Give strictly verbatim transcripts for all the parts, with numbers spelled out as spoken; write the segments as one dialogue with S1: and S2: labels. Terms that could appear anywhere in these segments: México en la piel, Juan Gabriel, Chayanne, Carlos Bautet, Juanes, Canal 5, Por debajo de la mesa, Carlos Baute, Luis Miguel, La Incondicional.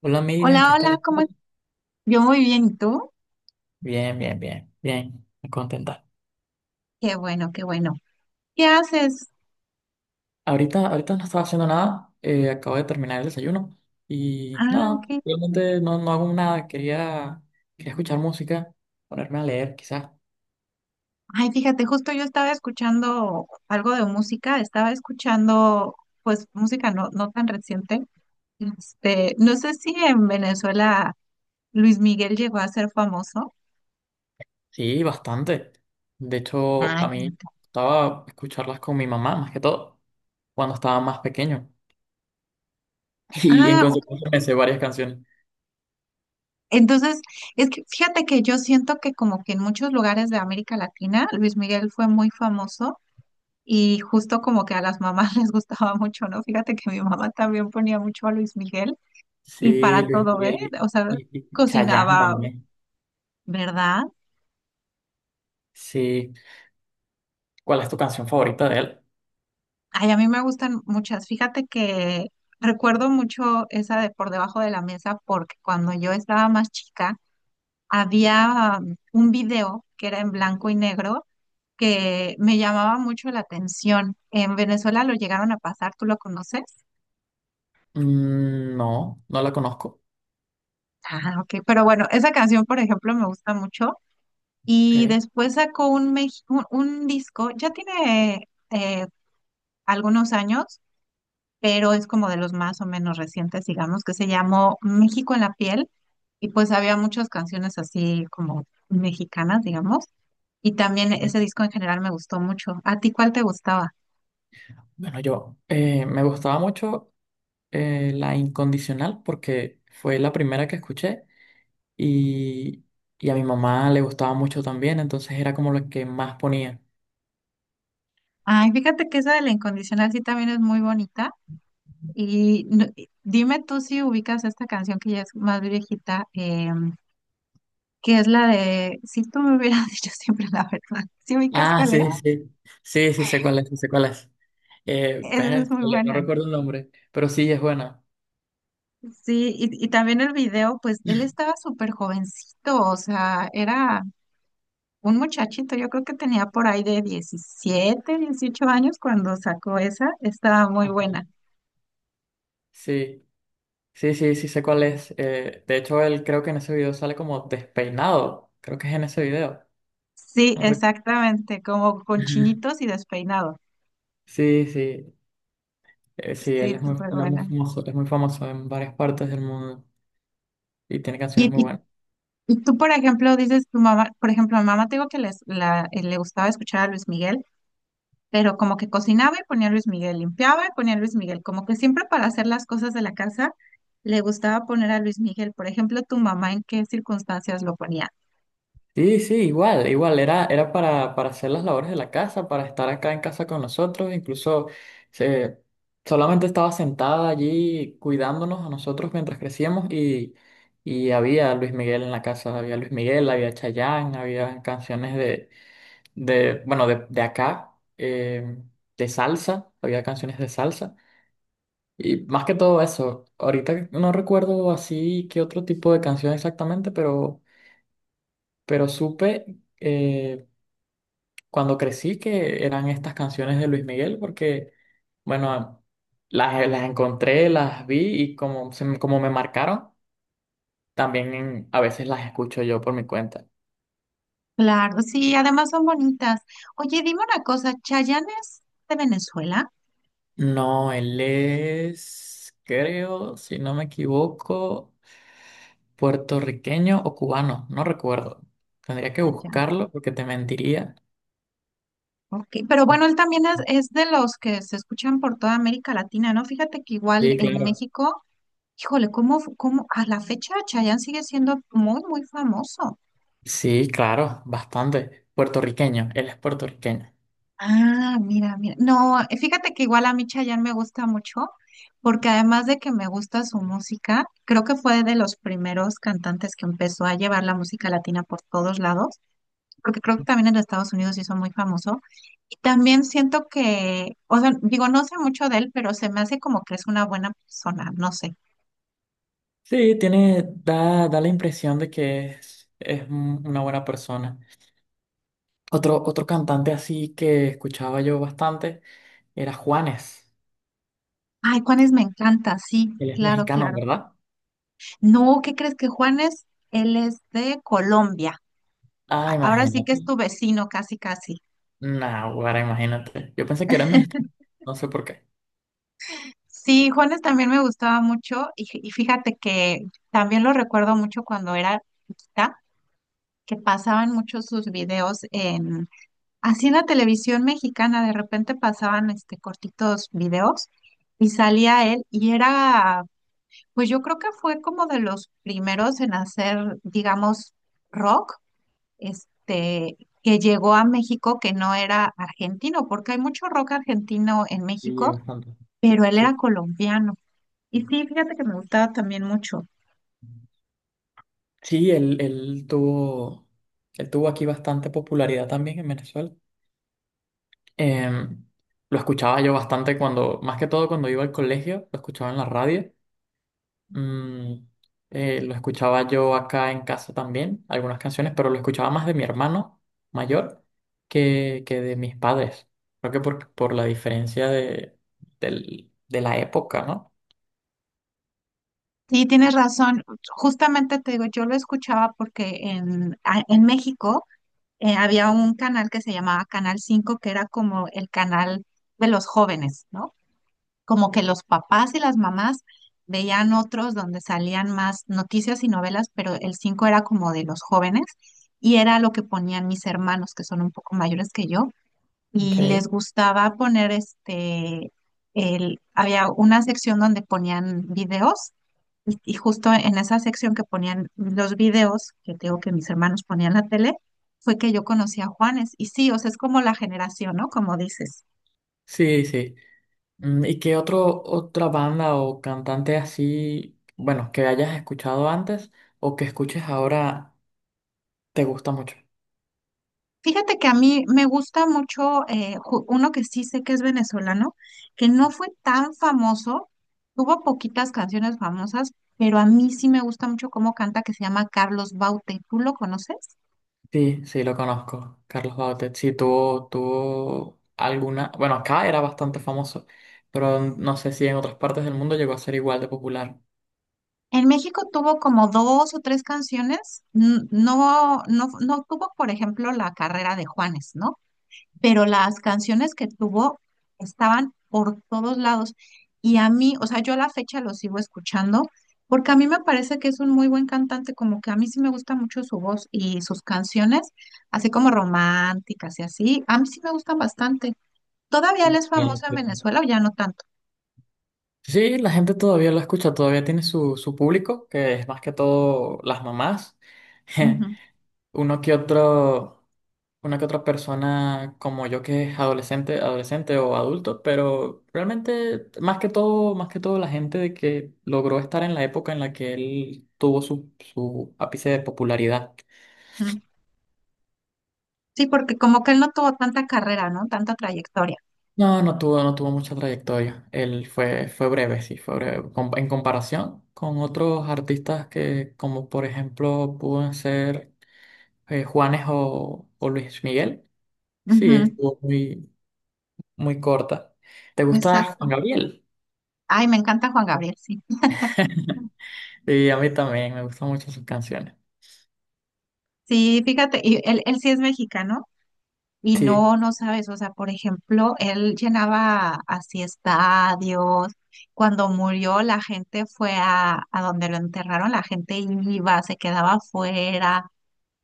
S1: Hola Miriam,
S2: Hola,
S1: ¿qué tal
S2: hola, ¿cómo
S1: estás?
S2: estás? Yo muy bien, ¿y tú?
S1: Bien, bien, bien, bien, muy contenta.
S2: Qué bueno, qué bueno. ¿Qué haces?
S1: Ahorita, ahorita no estaba haciendo nada, eh, acabo de terminar el desayuno y
S2: Ah,
S1: nada,
S2: ok.
S1: realmente no, no hago nada, quería, quería escuchar música, ponerme a leer quizás.
S2: Ay, fíjate, justo yo estaba escuchando algo de música, estaba escuchando, pues, música no, no tan reciente. Este, no sé si en Venezuela Luis Miguel llegó a ser famoso.
S1: Sí, bastante. De hecho,
S2: Ah,
S1: a mí
S2: fíjate.
S1: estaba escucharlas con mi mamá más que todo, cuando estaba más pequeño y en
S2: Ah, ok.
S1: consecuencia me sé varias canciones.
S2: Entonces, es que fíjate que yo siento que como que en muchos lugares de América Latina, Luis Miguel fue muy famoso. Y justo como que a las mamás les gustaba mucho, ¿no? Fíjate que mi mamá también ponía mucho a Luis Miguel y
S1: Sí,
S2: para
S1: Luis
S2: todo, ¿eh?
S1: Miguel
S2: O sea,
S1: y, y, y Chayanne
S2: cocinaba,
S1: también.
S2: ¿verdad?
S1: Sí, ¿cuál es tu canción favorita de él?
S2: Ay, a mí me gustan muchas. Fíjate que recuerdo mucho esa de Por debajo de la mesa porque cuando yo estaba más chica había um, un video que era en blanco y negro que me llamaba mucho la atención. En Venezuela lo llegaron a pasar, ¿tú lo conoces?
S1: Mm, no, no la conozco.
S2: Ah, ok. Pero bueno, esa canción, por ejemplo, me gusta mucho. Y
S1: Ok,
S2: después sacó un, mex- un, un disco, ya tiene eh, algunos años, pero es como de los más o menos recientes, digamos, que se llamó México en la piel. Y pues había muchas canciones así como mexicanas, digamos. Y también ese
S1: ok.
S2: disco en general me gustó mucho. ¿A ti cuál te gustaba?
S1: Bueno, yo eh, me gustaba mucho eh, La Incondicional porque fue la primera que escuché y, y a mi mamá le gustaba mucho también, entonces era como la que más ponía.
S2: Ay, fíjate que esa de La Incondicional sí también es muy bonita. Y no- y dime tú si ubicas esta canción que ya es más viejita, que es la de, si tú me hubieras dicho siempre la verdad, ¿si ubicas
S1: Ah,
S2: cuál es?
S1: sí, sí, sí, sí, sé cuál es, sí sé cuál es. Eh,
S2: Esa es muy
S1: vértale, no
S2: buena.
S1: recuerdo el nombre, pero sí es buena.
S2: Sí, y, y también el video, pues él estaba súper jovencito, o sea, era un muchachito, yo creo que tenía por ahí de diecisiete dieciocho años cuando sacó esa, estaba muy
S1: Ajá.
S2: buena.
S1: Sí, sí, sí, sí sé cuál es. Eh, de hecho, él creo que en ese video sale como despeinado, creo que es en ese video.
S2: Sí,
S1: No.
S2: exactamente, como con
S1: Ajá.
S2: chinitos y despeinado.
S1: Sí, sí, eh, sí, él
S2: Sí,
S1: es muy,
S2: súper
S1: él es muy
S2: buena.
S1: famoso, es muy famoso en varias partes del mundo y tiene canciones
S2: Y,
S1: muy
S2: y,
S1: buenas.
S2: y tú, por ejemplo, dices tu mamá, por ejemplo, a mi mamá te digo que les, la, eh, le gustaba escuchar a Luis Miguel, pero como que cocinaba y ponía a Luis Miguel, limpiaba y ponía a Luis Miguel, como que siempre para hacer las cosas de la casa le gustaba poner a Luis Miguel. Por ejemplo, tu mamá, ¿en qué circunstancias lo ponía?
S1: Sí, sí, igual, igual, era, era para, para hacer las labores de la casa, para estar acá en casa con nosotros, incluso se, solamente estaba sentada allí cuidándonos a nosotros mientras crecíamos y, y había Luis Miguel en la casa, había Luis Miguel, había Chayanne, había canciones de, de bueno, de, de acá, eh, de salsa, había canciones de salsa. Y más que todo eso, ahorita no recuerdo así qué otro tipo de canción exactamente, pero, pero supe eh, cuando crecí que eran estas canciones de Luis Miguel, porque, bueno, las, eh, las encontré, las vi y como, se me- como me marcaron, también en- a veces las escucho yo por mi cuenta.
S2: Claro, sí, además son bonitas. Oye, dime una cosa, ¿Chayanne es de Venezuela?
S1: No, él es, creo, si no me equivoco, puertorriqueño o cubano, no recuerdo. Tendría que
S2: Allá.
S1: buscarlo porque te mentiría.
S2: Ya, ok. Pero bueno, él también es, es de los que se escuchan por toda América Latina, ¿no? Fíjate que igual
S1: Sí,
S2: en
S1: claro.
S2: México, híjole, cómo, cómo a la fecha Chayanne sigue siendo muy, muy famoso.
S1: Sí, claro, bastante. Puertorriqueño, él es puertorriqueño.
S2: Ah, mira, mira. No, eh, fíjate que igual a mí Chayanne me gusta mucho, porque además de que me gusta su música, creo que fue de los primeros cantantes que empezó a llevar la música latina por todos lados, porque creo que también en los Estados Unidos se hizo muy famoso. Y también siento que, o sea, digo, no sé mucho de él, pero se me hace como que es una buena persona, no sé.
S1: Sí, tiene, da, da la impresión de que es, es un- una buena persona. Otro, otro cantante así que escuchaba yo bastante era Juanes.
S2: Ay, Juanes me encanta, sí,
S1: Él es
S2: claro,
S1: mexicano,
S2: claro.
S1: ¿verdad?
S2: No, ¿qué crees que Juanes? Él es de Colombia. A-
S1: Ah,
S2: Ahora sí que es
S1: imagínate.
S2: tu vecino, casi, casi.
S1: Naguará, imagínate. Yo pensé que era mexicano. No sé por qué.
S2: Sí, Juanes también me gustaba mucho y, fí- y fíjate que también lo recuerdo mucho cuando era chiquita, que pasaban muchos sus videos en, así en la televisión mexicana, de repente pasaban este cortitos videos y salía él y era, pues yo creo que fue como de los primeros en hacer, digamos, rock, este, que llegó a México, que no era argentino, porque hay mucho rock argentino en
S1: Sí,
S2: México,
S1: bastante.
S2: pero él era
S1: Sí.
S2: colombiano. Y sí, fíjate que me gustaba también mucho.
S1: Sí, él, él tuvo, él tuvo aquí bastante popularidad también en Venezuela. Em, lo escuchaba yo bastante cuando, más que todo cuando iba al colegio, lo escuchaba en la radio. Mm, eh, lo escuchaba yo acá en casa también, algunas canciones, pero lo escuchaba más de mi hermano mayor que, que de mis padres. Creo que por, por la diferencia de, del- de la época, ¿no?
S2: Sí, tienes razón. Justamente te digo, yo lo escuchaba porque en, a- en México eh, había un canal que se llamaba Canal cinco, que era como el canal de los jóvenes, ¿no? Como que los papás y las mamás veían otros donde salían más noticias y novelas, pero el cinco era como de los jóvenes y era lo que ponían mis hermanos, que son un poco mayores que yo. Y
S1: Okay.
S2: les gustaba poner este, el, había una sección donde ponían videos y, y justo en esa sección que ponían los videos, que te digo que mis hermanos ponían la tele, fue que yo conocí a Juanes. Y sí, o sea, es como la generación, ¿no? Como dices.
S1: Sí, sí. Mm, ¿y qué otro, otra banda o cantante así, bueno, que hayas escuchado antes o que escuches ahora te gusta mucho?
S2: Fíjate que a mí me gusta mucho eh, ju- uno que sí sé que es venezolano, que no fue tan famoso, tuvo poquitas canciones famosas, pero a mí sí me gusta mucho cómo canta, que se llama Carlos Baute. ¿Tú lo conoces?
S1: Sí, sí, lo conozco, Carlos Bautet. Sí, tuvo, tuvo alguna… Bueno, acá era bastante famoso, pero no sé si en otras partes del mundo llegó a ser igual de popular.
S2: En México tuvo como dos o tres canciones, n- no, no, no tuvo, por ejemplo, la carrera de Juanes, ¿no? Pero las canciones que tuvo estaban por todos lados. Y a mí, o sea, yo a la fecha lo sigo escuchando porque a mí me parece que es un muy buen cantante, como que a mí sí me gusta mucho su voz y sus canciones, así como románticas y así, a mí sí me gustan bastante. ¿Todavía él es
S1: Bueno,
S2: famoso en
S1: sí.
S2: Venezuela o ya no tanto?
S1: Sí, la gente todavía lo escucha, todavía tiene su, su público, que es más que todo las mamás.
S2: Ujú,
S1: Uno que otro. Una que otra persona como yo que es adolescente, adolescente o adulto, pero realmente más que todo, más que todo la gente de que logró estar en la época en la que él tuvo su, su ápice de popularidad.
S2: ujú. Sí, porque como que él no tuvo tanta carrera, ¿no? Tanta trayectoria.
S1: No, no tuvo, no tuvo mucha trayectoria. Él fue, fue breve, sí, fue breve. Com- En comparación con otros artistas que, como por ejemplo, pueden ser eh, Juanes o, o Luis Miguel. Sí,
S2: Ujú,
S1: estuvo muy, muy corta. ¿Te gusta
S2: exacto.
S1: Juan Gabriel?
S2: Ay, me encanta Juan Gabriel, sí.
S1: Y a mí también me gustan mucho sus canciones.
S2: Sí, fíjate, y él, él sí es mexicano y
S1: Sí,
S2: no, no sabes, o sea, por ejemplo, él llenaba así estadios. Cuando murió, la gente fue a, a donde lo enterraron, la gente iba, se quedaba afuera.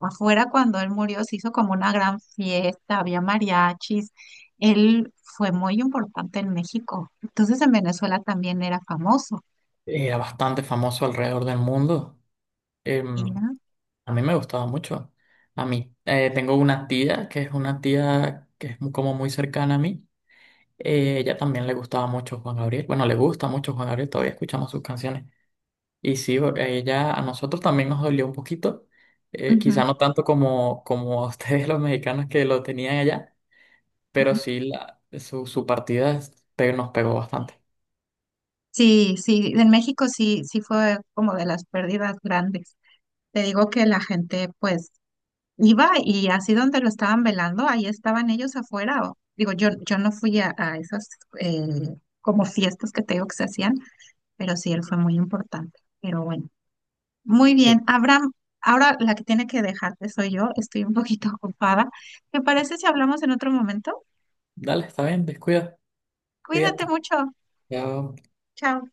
S2: Afuera, cuando él murió, se hizo como una gran fiesta, había mariachis. Él fue muy importante en México. Entonces, en Venezuela también era famoso.
S1: era bastante famoso alrededor del mundo. Em,
S2: Mira.
S1: a mí me gustaba mucho. A mí, eh, tengo una tía que es una tía que es mu- como muy cercana a mí. Eh, ella también le gustaba mucho Juan Gabriel. Bueno, le gusta mucho Juan Gabriel, todavía escuchamos sus canciones. Y sí, o- a ella, a nosotros también nos dolió un poquito. Eh, quizá
S2: Ujú,
S1: no tanto como, como a ustedes los mexicanos que lo tenían allá, pero
S2: ujú.
S1: sí la, su, su partida es- pe- nos pegó bastante.
S2: Sí, sí, en México sí, sí fue como de las pérdidas grandes. Te digo que la gente pues iba y así donde lo estaban velando, ahí estaban ellos afuera. O- digo, yo, yo no fui a, a esas eh, como fiestas que te digo que se hacían, pero sí, él fue muy importante. Pero bueno, muy bien. Abraham, ahora la que tiene que dejarte soy yo, estoy un poquito ocupada. ¿Te parece si hablamos en otro momento?
S1: Dale, está bien, descuida,
S2: Cuídate
S1: cuídate.
S2: mucho.
S1: Ya,
S2: Chao.